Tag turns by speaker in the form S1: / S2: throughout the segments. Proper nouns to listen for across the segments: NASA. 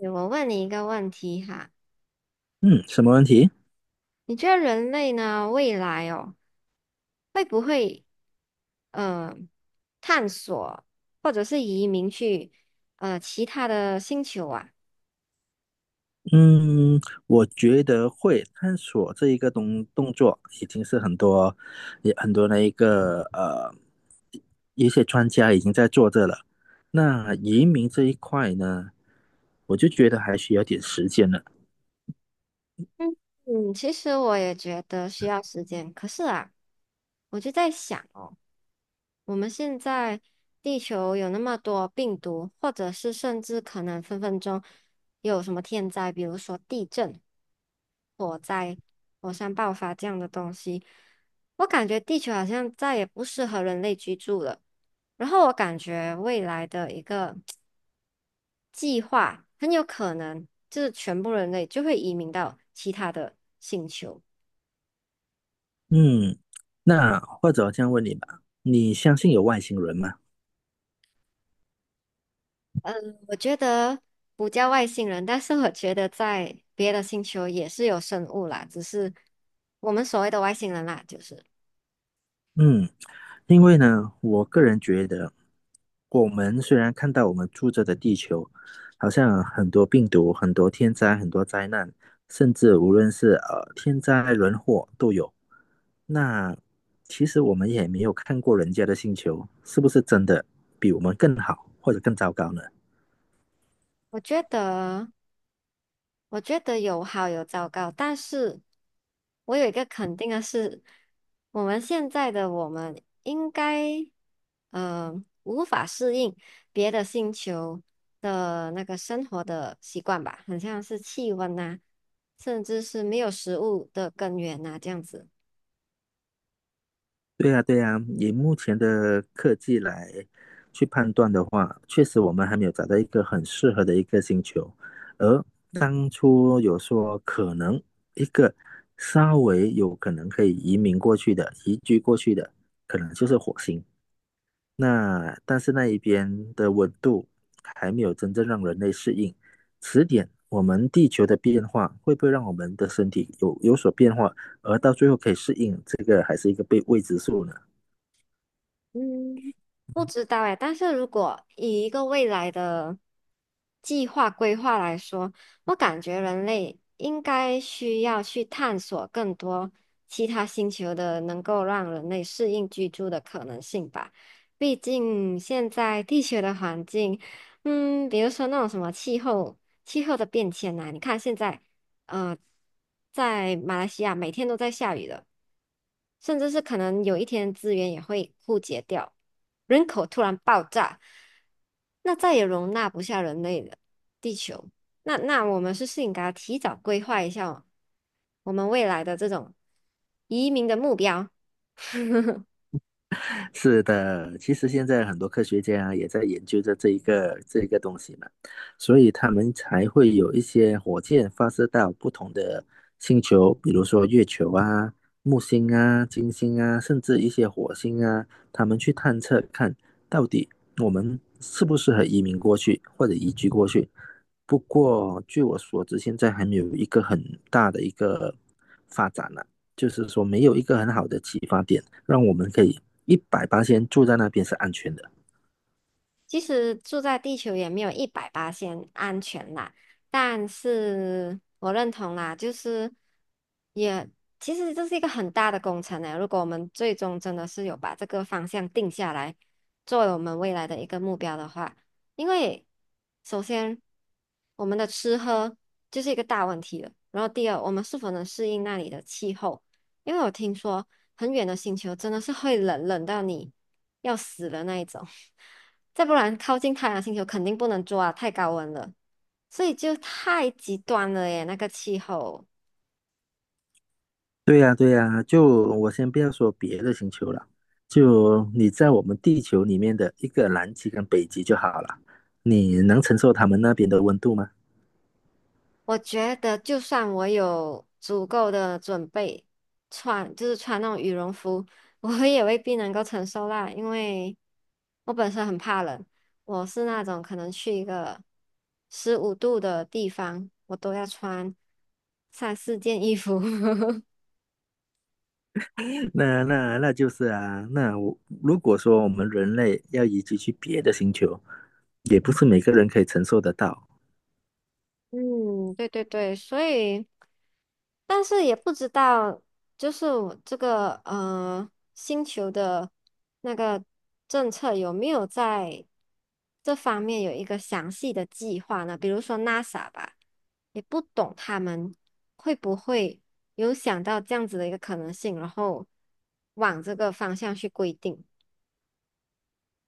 S1: 对，我问你一个问题哈。
S2: 嗯，什么问题？
S1: 你觉得人类呢，未来哦，会不会呃探索或者是移民去其他的星球啊？
S2: 嗯，我觉得会探索这一个动作，已经是很多也很多的一些专家已经在做这了。那移民这一块呢，我就觉得还需要点时间了。
S1: 嗯，其实我也觉得需要时间，可是啊，我就在想哦。我们现在地球有那么多病毒，或者是甚至可能分分钟有什么天灾，比如说地震、火灾、火山爆发这样的东西，我感觉地球好像再也不适合人类居住了。然后我感觉未来的一个计划，很有可能就是全部人类就会移民到其他的星球。
S2: 嗯，那或者我这样问你吧，你相信有外星人吗？
S1: 我觉得不叫外星人，但是我觉得在别的星球也是有生物啦，只是我们所谓的外星人啦，就是
S2: 嗯。因为呢，我个人觉得，我们虽然看到我们住着的地球，好像很多病毒、很多天灾、很多灾难，甚至无论是天灾人祸都有，那其实我们也没有看过人家的星球是不是真的比我们更好或者更糟糕呢？
S1: 我觉得，我觉得，有好有糟糕，但是我有一个肯定的是，我们现在的我们应该，呃，无法适应别的星球的那个生活的习惯吧，很像是气温呐、甚至是没有食物的根源呐、这样子。
S2: 对呀，对呀，以目前的科技来去判断的话，确实我们还没有找到一个很适合的一个星球。而当初有说可能一个稍微有可能可以移民过去的、移居过去的，可能就是火星。那但是那一边的温度还没有真正让人类适应，迟点我们地球的变化会不会让我们的身体有所变化，而到最后可以适应，这个还是一个被未知数呢？
S1: 嗯，不知道哎，但是如果以一个未来的计划规划来说，我感觉人类应该需要去探索更多其他星球的能够让人类适应居住的可能性吧。毕竟现在地球的环境，嗯，比如说那种什么气候、气候的变迁呐、你看现在，呃，在马来西亚每天都在下雨的。甚至是可能有一天资源也会枯竭掉，人口突然爆炸，那再也容纳不下人类的地球。那我们是不是应该提早规划一下我们未来的这种移民的目标？
S2: 是的，其实现在很多科学家啊也在研究着这一个东西嘛，所以他们才会有一些火箭发射到不同的星球，比如说月球啊、木星啊、金星啊，甚至一些火星啊，他们去探测看到底我们适不适合移民过去或者移居过去。不过据我所知，现在还没有一个很大的一个。发展呢。就是说没有一个很好的启发点，让我们可以一百八先住在那边是安全的。
S1: 其实住在地球也没有一百八先安全啦，但是我认同啦，就是也其实这是一个很大的工程呢。如果我们最终真的是有把这个方向定下来，作为我们未来的一个目标的话，因为首先我们的吃喝就是一个大问题了，然后第二，我们是否能适应那里的气候？因为我听说很远的星球真的是会冷到你要死的那一种，再不然靠近太阳星球肯定不能做啊，太高温了，所以就太极端了耶，那个气候。
S2: 对呀、啊对呀、啊就我先不要说别的星球了，就你在我们地球里面的一个南极跟北极就好了，你能承受他们那边的温度吗？
S1: 我觉得，就算我有足够的准备，穿就是穿那种羽绒服，我也未必能够承受啦。因为我本身很怕冷，我是那种可能去一个十五度的地方，我都要穿三四件衣服。
S2: 那就是啊，那我如果说我们人类要移居去别的星球，也不是每个人可以承受得到。
S1: 嗯，对对对，所以，但是也不知道，就是我这个星球的那个政策有没有在这方面有一个详细的计划呢？比如说 NASA 吧，也不懂他们会不会有想到这样子的一个可能性，然后往这个方向去规定。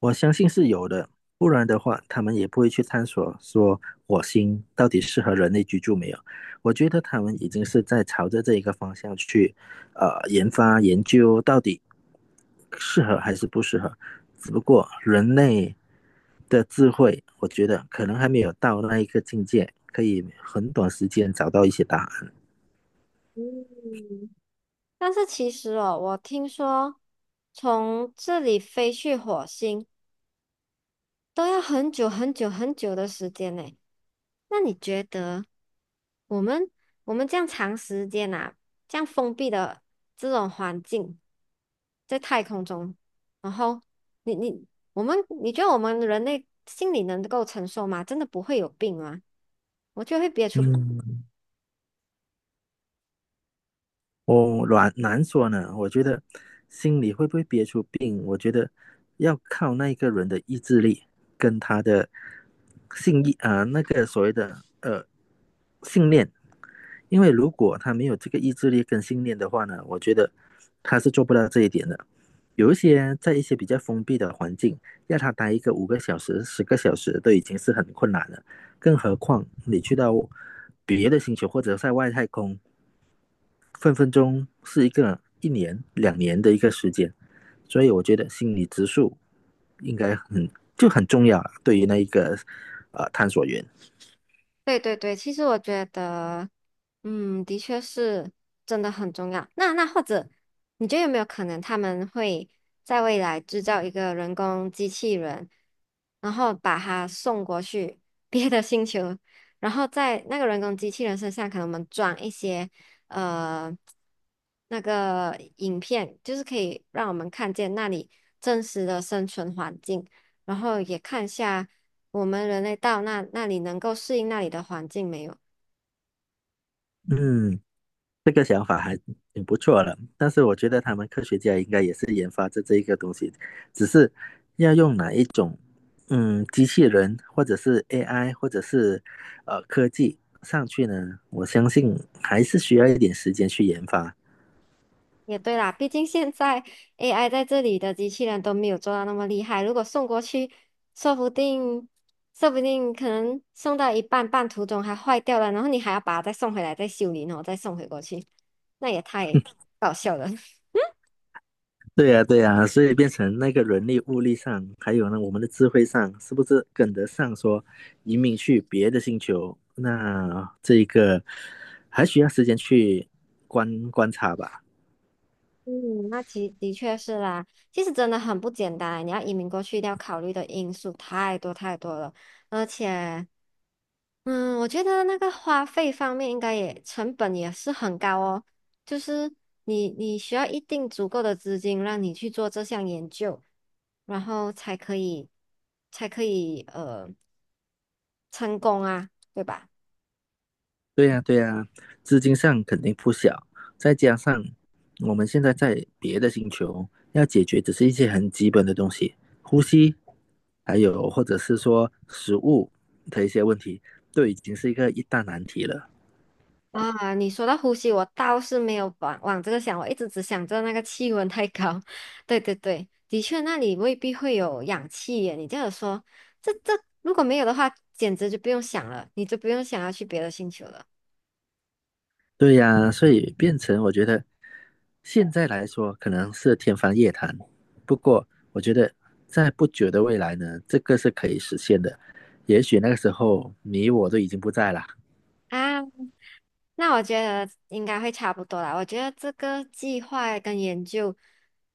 S2: 我相信是有的，不然的话，他们也不会去探索说火星到底适合人类居住没有。我觉得他们已经是在朝着这一个方向去，研发研究到底适合还是不适合。只不过人类的智慧，我觉得可能还没有到那一个境界，可以很短时间找到一些答案。
S1: 但是其实哦，我听说从这里飞去火星。都要很久很久很久的时间呢。那你觉得我们我们这样长时间啊，这样封闭的这种环境，在太空中，然后你你我们你觉得我们人类心里能够承受吗？真的不会有病吗？我就会憋出
S2: 嗯。我难说呢，我觉得心里会不会憋出病，我觉得要靠那一个人的意志力跟他的信义啊、那个所谓的信念，因为如果他没有这个意志力跟信念的话呢，我觉得他是做不到这一点的。有一些在一些比较封闭的环境，要他待一个5个小时、10个小时都已经是很困难了，更何况你去到别的星球或者在外太空，分分钟是一个一年、2年的一个时间，所以我觉得心理植树应该很重要对于那一个探索员。
S1: 对对对，其实我觉得，嗯，的确是真的很重要。那或者，你觉得有没有可能他们会在未来制造一个人工机器人，然后把它送过去 别的星球，然后在那个人工机器人身上，可能我们装一些呃那个影片，就是可以让我们看见那里真实的生存环境，然后也看一下。我们人类到那里能够适应那里的环境没有？
S2: 嗯，这个想挺不错了，但是我觉得他们科学家应该也是研发这一个东西，只是要用哪一种机器人或者是 AI 或者是科技上去呢？我相信还是需要一点时间去研发。
S1: 也对啦，毕竟现在 AI 在这里的机器人都没有做到那么厉害，如果送过去，说不定说不定可能送到一半，半途中还坏掉了，然后你还要把它再送回来，再修理，然后再送回过去，那也太搞笑了。
S2: 对呀，对呀，所以变成那个人力、物力上，还有呢，我们的智慧上，是不是跟得上说移民去别的星球？那这一个还需要时间去观察吧？
S1: 嗯，那其的确是啦，其实真的很不简单。你要移民过去，一定要考虑的因素太多太多了，而且，嗯，我觉得那个花费方面应该也成本也是很高哦。就是你需要一定足够的资金，让你去做这项研究，然后才可以成功啊，对吧？
S2: 对呀，对呀，资金上肯定不小，再加上我们现在在别的星球，要解决只是一些很基本的东西，呼吸，还有或者是说食物的一些问题，都已经是一个一大难题了。
S1: 啊，你说到呼吸，我倒是没有往这个想，我一直只想着那个气温太高。对对对，的确那里未必会有氧气耶。你这样说，这这如果没有的话，简直就不用想了，你就不用想要去别的星球了
S2: 对呀，所以变成我觉得现在来说可能是天方夜谭，不过我觉得在不久的未来呢，这个是可以实现的。也许那个时候你我都已经不在了，
S1: 啊。那我觉得应该会差不多啦。我觉得这个计划跟研究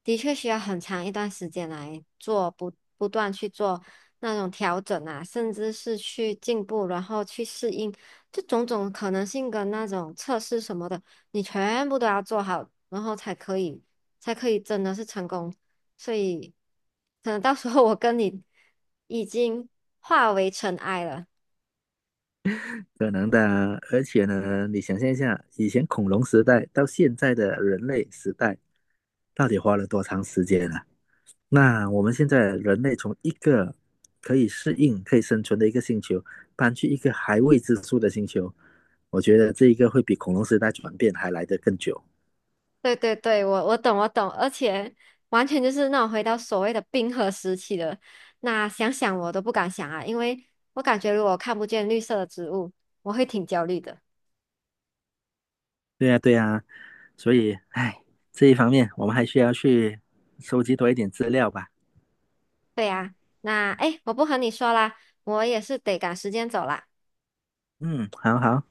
S1: 的确需要很长一段时间来做，不断去做那种调整啊，甚至是去进步，然后去适应，这种种可能性跟那种测试什么的，你全部都要做好，然后才可以真的是成功。所以，可能到时候我跟你已经化为尘埃了。
S2: 可能的啊而且呢，你想象一下，以前恐龙时代到现在的人类时代，到底花了多长时间呢？那我们现在人类从一个可以适应、可以生存的一个星球，搬去一个还未知数的星球，我觉得这一个会比恐龙时代转变还来得更久。
S1: 对对对，我懂我懂，而且完全就是那种回到所谓的冰河时期的，那想想我都不敢想啊，因为我感觉如果看不见绿色的植物，我会挺焦虑的。
S2: 对呀，对呀，所以，哎，这一方面我们还需要去收集多一点资料吧。
S1: 对呀，那哎诶，我不和你说啦，我也是得赶时间走啦。
S2: 嗯，好好。